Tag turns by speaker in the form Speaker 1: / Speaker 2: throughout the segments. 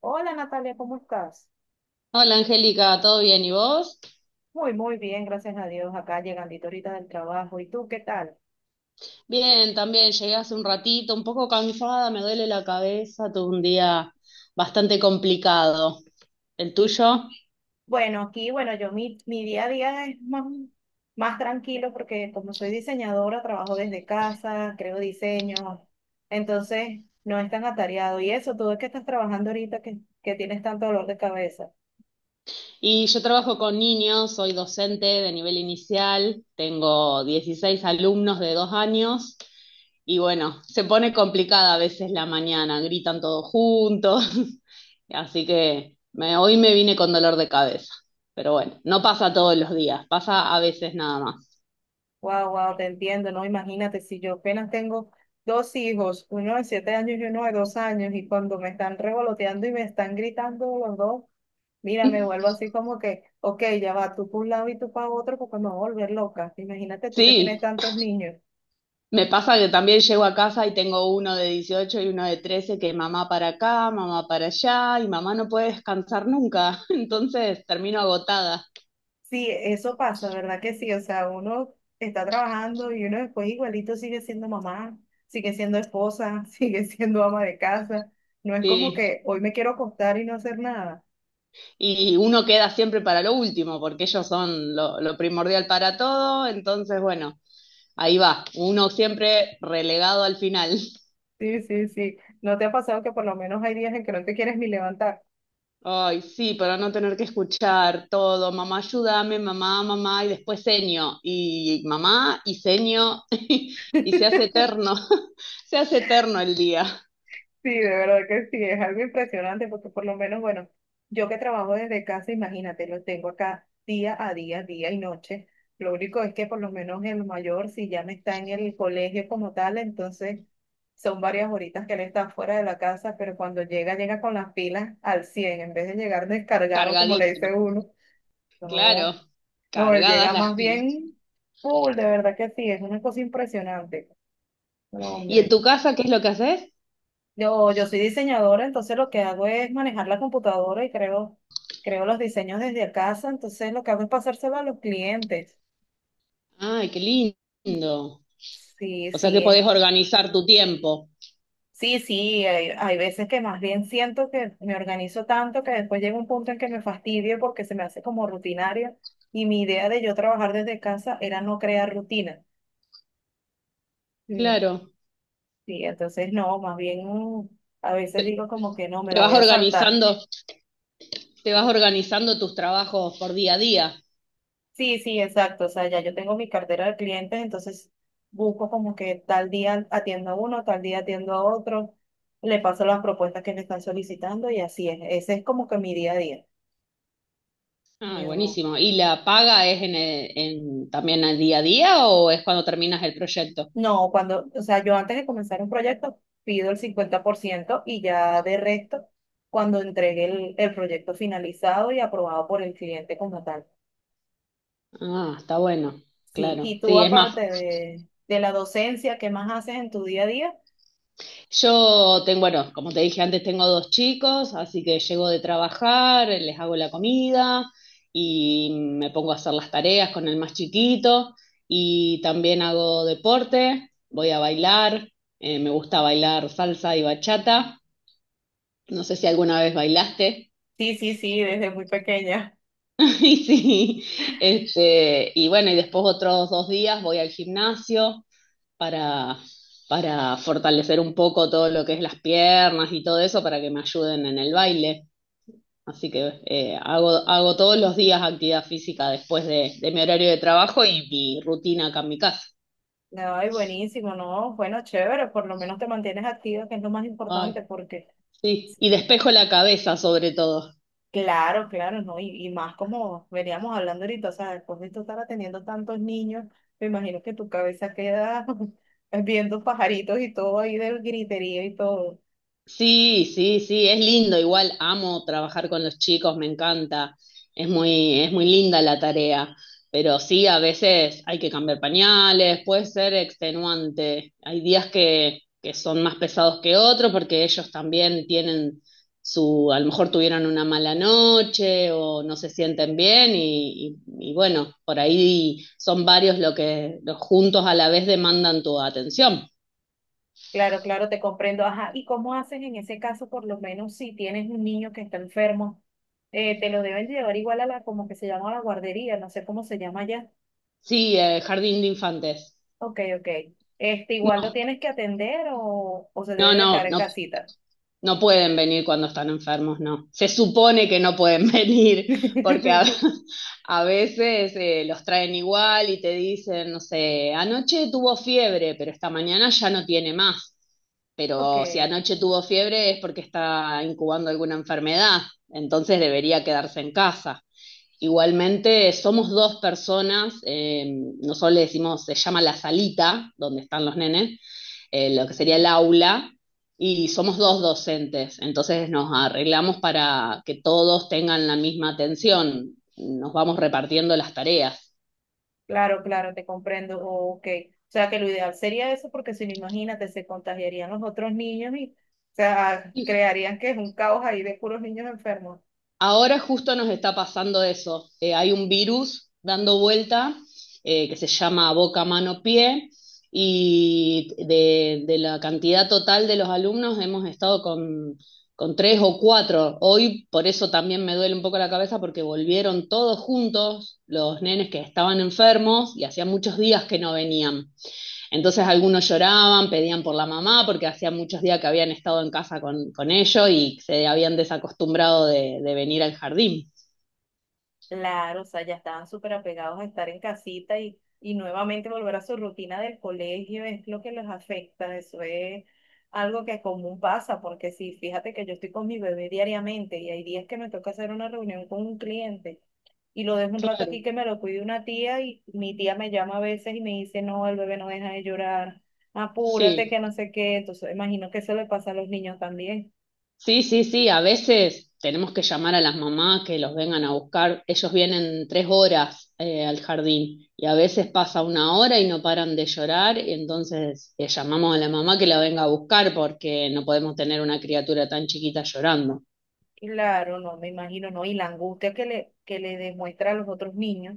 Speaker 1: Hola Natalia, ¿cómo estás?
Speaker 2: Hola Angélica, ¿todo bien? ¿Y vos?
Speaker 1: Muy, muy bien, gracias a Dios. Acá llegandito ahorita del trabajo. ¿Y tú qué tal?
Speaker 2: Bien, también llegué hace un ratito, un poco cansada, me duele la cabeza, tuve un día bastante complicado. ¿El
Speaker 1: Y
Speaker 2: tuyo?
Speaker 1: bueno, aquí, bueno, yo mi día a día es más tranquilo porque como soy diseñadora, trabajo desde casa, creo diseños, entonces no es tan atareado. Y eso, tú es que estás trabajando ahorita que tienes tanto dolor de cabeza.
Speaker 2: Y yo trabajo con niños, soy docente de nivel inicial, tengo 16 alumnos de dos años y bueno, se pone complicada a veces la mañana, gritan todos juntos. Hoy me vine con dolor de cabeza, pero bueno, no pasa todos los días, pasa a veces nada más.
Speaker 1: Wow, wow, te entiendo, ¿no? Imagínate, si yo apenas tengo dos hijos, uno de 7 años y uno de 2 años, y cuando me están revoloteando y me están gritando los dos. Mira, me vuelvo así como que, ok, ya va, tú por un lado y tú para otro, porque me voy a volver loca. Imagínate tú que
Speaker 2: Sí,
Speaker 1: tienes tantos niños.
Speaker 2: me pasa que también llego a casa y tengo uno de 18 y uno de 13 que mamá para acá, mamá para allá, y mamá no puede descansar nunca. Entonces termino agotada.
Speaker 1: Sí, eso pasa, ¿verdad que sí? O sea, uno está trabajando y uno después igualito sigue siendo mamá, sigue siendo esposa, sigue siendo ama de casa. No es como
Speaker 2: Sí,
Speaker 1: que hoy me quiero acostar y no hacer nada.
Speaker 2: y uno queda siempre para lo último porque ellos son lo primordial para todo, entonces bueno, ahí va, uno siempre relegado al final.
Speaker 1: Sí, sí, sí. ¿No te ha pasado que por lo menos hay días en que no te quieres ni levantar?
Speaker 2: Ay, sí, para no tener que escuchar todo, mamá, ayúdame, mamá, mamá, y después seño, y mamá, y seño, y se hace eterno, se hace eterno el día,
Speaker 1: Sí, de verdad que sí, es algo impresionante porque por lo menos, bueno, yo que trabajo desde casa, imagínate, lo tengo acá día a día, día y noche. Lo único es que por lo menos el mayor, si ya no está en el colegio como tal, entonces son varias horitas que él está fuera de la casa, pero cuando llega, llega con las pilas al 100 en vez de llegar descargado, como le
Speaker 2: cargadísima,
Speaker 1: dice uno.
Speaker 2: claro,
Speaker 1: No, no, él
Speaker 2: cargadas
Speaker 1: llega
Speaker 2: las
Speaker 1: más
Speaker 2: pilas.
Speaker 1: bien full, de verdad que sí, es una cosa impresionante. No,
Speaker 2: ¿Y en
Speaker 1: hombre.
Speaker 2: tu casa qué es lo que haces?
Speaker 1: Yo soy diseñadora, entonces lo que hago es manejar la computadora y creo los diseños desde casa, entonces lo que hago es pasárselo a los clientes.
Speaker 2: Ay, qué lindo.
Speaker 1: Sí,
Speaker 2: O sea que
Speaker 1: sí,
Speaker 2: podés organizar tu tiempo,
Speaker 1: sí, sí, hay veces que más bien siento que me organizo tanto que después llega un punto en que me fastidio porque se me hace como rutinario y mi idea de yo trabajar desde casa era no crear rutina. Mm.
Speaker 2: claro,
Speaker 1: Sí, entonces no, más bien a veces digo como que no, me
Speaker 2: te
Speaker 1: la
Speaker 2: vas
Speaker 1: voy a saltar.
Speaker 2: organizando, te vas organizando tus trabajos por día a día.
Speaker 1: Sí, sí, exacto. O sea, ya yo tengo mi cartera de clientes, entonces busco como que tal día atiendo a uno, tal día atiendo a otro, le paso las propuestas que me están solicitando y así es. Ese es como que mi día a día.
Speaker 2: Ah,
Speaker 1: no
Speaker 2: buenísimo. ¿Y la paga es también al día a día o es cuando terminas el proyecto?
Speaker 1: No, cuando, o sea, yo antes de comenzar un proyecto pido el 50% y ya de resto cuando entregue el proyecto finalizado y aprobado por el cliente como tal.
Speaker 2: Ah, está bueno,
Speaker 1: Sí,
Speaker 2: claro.
Speaker 1: y tú
Speaker 2: Sí, es más,
Speaker 1: aparte de la docencia, ¿qué más haces en tu día a día?
Speaker 2: yo tengo, bueno, como te dije antes, tengo dos chicos, así que llego de trabajar, les hago la comida y me pongo a hacer las tareas con el más chiquito, y también hago deporte, voy a bailar. Me gusta bailar salsa y bachata. No sé si alguna vez bailaste.
Speaker 1: Sí, sí, sí, desde muy pequeña.
Speaker 2: Y sí, este, y bueno, y después otros dos días voy al gimnasio para, para fortalecer un poco todo lo que es las piernas y todo eso para que me ayuden en el baile. Así que hago, hago todos los días actividad física después de mi horario de trabajo y mi rutina acá en mi casa.
Speaker 1: No, y buenísimo, no, bueno, chévere, por lo menos te mantienes activa, que es lo más
Speaker 2: Ay,
Speaker 1: importante, porque
Speaker 2: sí. Y despejo la cabeza sobre todo.
Speaker 1: claro, claro, ¿no? Y más como veníamos hablando ahorita, o sea, después de tú estar atendiendo tantos niños, me imagino que tu cabeza queda viendo pajaritos y todo ahí del griterío y todo.
Speaker 2: Sí, sí, sí, es lindo, igual amo trabajar con los chicos, me encanta, es muy linda la tarea, pero sí, a veces hay que cambiar pañales, puede ser extenuante, hay días que son más pesados que otros porque ellos también tienen su, a lo mejor tuvieron una mala noche o no se sienten bien y bueno, por ahí son varios lo que los juntos a la vez demandan tu atención.
Speaker 1: Claro, claro, te comprendo. Ajá, ¿y cómo haces en ese caso, por lo menos si tienes un niño que está enfermo? Te lo deben llevar igual a la, como que se llama la guardería, no sé cómo se llama allá.
Speaker 2: Sí, jardín de infantes.
Speaker 1: Ok, ok. Este, igual lo tienes que atender o se
Speaker 2: No,
Speaker 1: debe de quedar
Speaker 2: no,
Speaker 1: en
Speaker 2: no,
Speaker 1: casita.
Speaker 2: no pueden venir cuando están enfermos, no. Se supone que no pueden venir, porque a veces los traen igual y te dicen, no sé, anoche tuvo fiebre, pero esta mañana ya no tiene más.
Speaker 1: Ok,
Speaker 2: Pero si anoche tuvo fiebre es porque está incubando alguna enfermedad, entonces debería quedarse en casa. Igualmente, somos dos personas, nosotros le decimos, se llama la salita, donde están los nenes, lo que sería
Speaker 1: ok.
Speaker 2: el aula, y somos dos docentes, entonces nos arreglamos para que todos tengan la misma atención, nos vamos repartiendo las tareas.
Speaker 1: Claro, claro, te comprendo. Oh, ok. O sea que lo ideal sería eso porque si no, imagínate, se contagiarían los otros niños y, o sea, crearían que es un caos ahí de puros niños enfermos.
Speaker 2: Ahora justo nos está pasando eso. Hay un virus dando vuelta que se llama boca, mano, pie, y de la cantidad total de los alumnos hemos estado con tres o cuatro. Hoy por eso también me duele un poco la cabeza porque volvieron todos juntos los nenes que estaban enfermos y hacía muchos días que no venían. Entonces algunos lloraban, pedían por la mamá, porque hacía muchos días que habían estado en casa con ellos, y se habían desacostumbrado de venir al jardín.
Speaker 1: Claro, o sea, ya estaban súper apegados a estar en casita y nuevamente volver a su rutina del colegio es lo que les afecta. Eso es algo que común pasa, porque sí, fíjate que yo estoy con mi bebé diariamente y hay días que me toca hacer una reunión con un cliente y lo dejo un rato
Speaker 2: Claro,
Speaker 1: aquí que me lo cuide una tía y mi tía me llama a veces y me dice, no, el bebé no deja de llorar, apúrate
Speaker 2: sí.
Speaker 1: que no sé qué. Entonces, imagino que eso le pasa a los niños también.
Speaker 2: Sí, sí, sí, a veces tenemos que llamar a las mamás que los vengan a buscar. Ellos vienen tres horas al jardín y a veces pasa una hora y no paran de llorar, y entonces llamamos a la mamá que la venga a buscar porque no podemos tener una criatura tan chiquita llorando.
Speaker 1: Claro, no, me imagino, no, y la angustia que le demuestra a los otros niños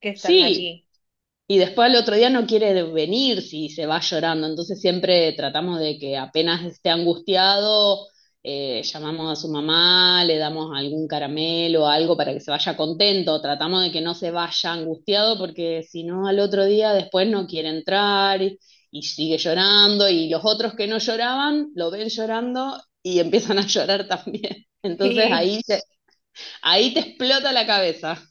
Speaker 1: que están
Speaker 2: Sí,
Speaker 1: allí.
Speaker 2: y después al otro día no quiere venir si se va llorando. Entonces siempre tratamos de que apenas esté angustiado, llamamos a su mamá, le damos algún caramelo, o algo para que se vaya contento. Tratamos de que no se vaya angustiado porque si no al otro día después no quiere entrar, y sigue llorando. Y los otros que no lloraban lo ven llorando y empiezan a llorar también. Entonces
Speaker 1: Y,
Speaker 2: ahí te explota la cabeza.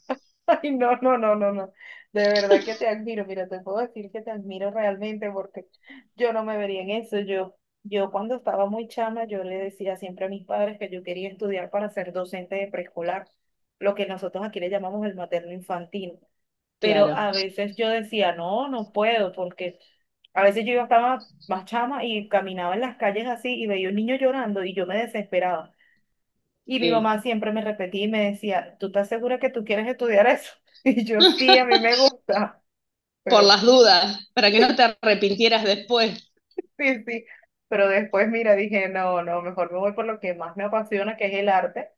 Speaker 1: Ay, no, no, no, no, no, de verdad que te admiro, mira, te puedo decir que te admiro realmente porque yo no me vería en eso, yo cuando estaba muy chama, yo le decía siempre a mis padres que yo quería estudiar para ser docente de preescolar, lo que nosotros aquí le llamamos el materno infantil. Pero
Speaker 2: Claro,
Speaker 1: a veces yo decía, no, no puedo, porque a veces yo estaba más chama y caminaba en las calles así y veía un niño llorando y yo me desesperaba. Y mi
Speaker 2: sí.
Speaker 1: mamá siempre me repetía y me decía, ¿tú estás segura que tú quieres estudiar eso? Y yo, sí, a mí me gusta,
Speaker 2: Por
Speaker 1: pero
Speaker 2: las dudas, para que no te arrepintieras después.
Speaker 1: sí, sí. Pero después, mira, dije, no, no, mejor me voy por lo que más me apasiona, que es el arte,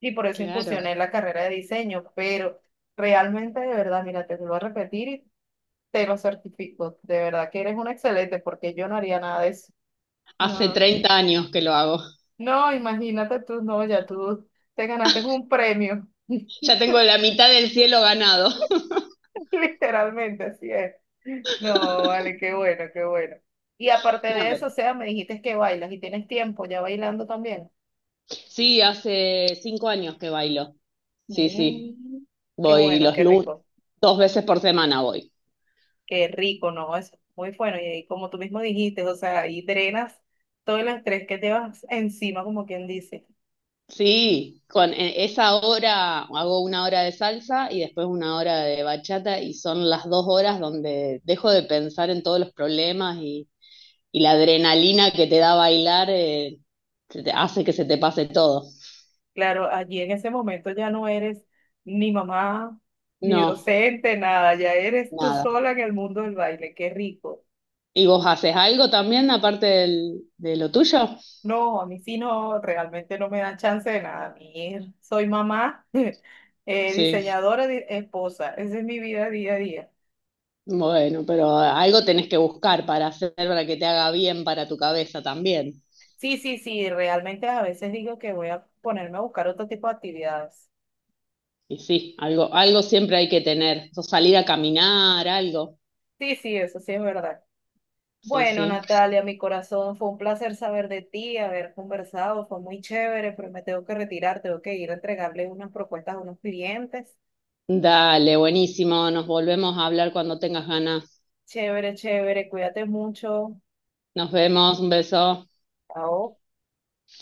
Speaker 1: y por eso
Speaker 2: Claro,
Speaker 1: incursioné en la carrera de diseño, pero realmente, de verdad, mira, te lo vuelvo a repetir, te lo certifico, de verdad que eres un excelente porque yo no haría nada de eso.
Speaker 2: hace
Speaker 1: No,
Speaker 2: 30 años que lo hago.
Speaker 1: no, imagínate tú, no, ya tú te ganaste un premio,
Speaker 2: Ya tengo la mitad del cielo ganado.
Speaker 1: literalmente, así es. No, vale, qué bueno, qué bueno. Y aparte
Speaker 2: No,
Speaker 1: de eso, o
Speaker 2: pero-
Speaker 1: sea, me dijiste que bailas y tienes tiempo ya bailando también.
Speaker 2: sí, hace 5 años que bailo. Sí, sí,
Speaker 1: Mm, qué
Speaker 2: voy
Speaker 1: bueno,
Speaker 2: los lunes, dos veces por semana voy.
Speaker 1: qué rico, no, es muy bueno. Y ahí, como tú mismo dijiste, o sea, ahí drenas todo el estrés que te vas encima, como quien dice.
Speaker 2: Sí, con esa hora hago una hora de salsa y después una hora de bachata, y son las dos horas donde dejo de pensar en todos los problemas, y la adrenalina que te da bailar, hace que se te pase todo.
Speaker 1: Claro, allí en ese momento ya no eres ni mamá, ni
Speaker 2: No,
Speaker 1: docente, nada, ya eres tú
Speaker 2: nada.
Speaker 1: sola en el mundo del baile, qué rico.
Speaker 2: ¿Y vos haces algo también aparte de lo tuyo?
Speaker 1: No, a mí sí no, realmente no me dan chance de nada. A mí soy mamá,
Speaker 2: Sí,
Speaker 1: diseñadora, esposa, esa es mi vida día a día.
Speaker 2: bueno, pero algo tenés que buscar para hacer, para que te haga bien para tu cabeza también.
Speaker 1: Sí, sí, sí, realmente a veces digo que voy a ponerme a buscar otro tipo de actividades.
Speaker 2: Y sí, algo, algo siempre hay que tener. O salir a caminar, algo.
Speaker 1: Sí, sí, eso sí es verdad.
Speaker 2: Sí,
Speaker 1: Bueno,
Speaker 2: sí.
Speaker 1: Natalia, mi corazón, fue un placer saber de ti, haber conversado, fue muy chévere, pero me tengo que retirar, tengo que ir a entregarle unas propuestas a unos clientes.
Speaker 2: Dale, buenísimo. Nos volvemos a hablar cuando tengas ganas.
Speaker 1: Chévere, chévere, cuídate mucho.
Speaker 2: Nos vemos, un beso.
Speaker 1: Chao.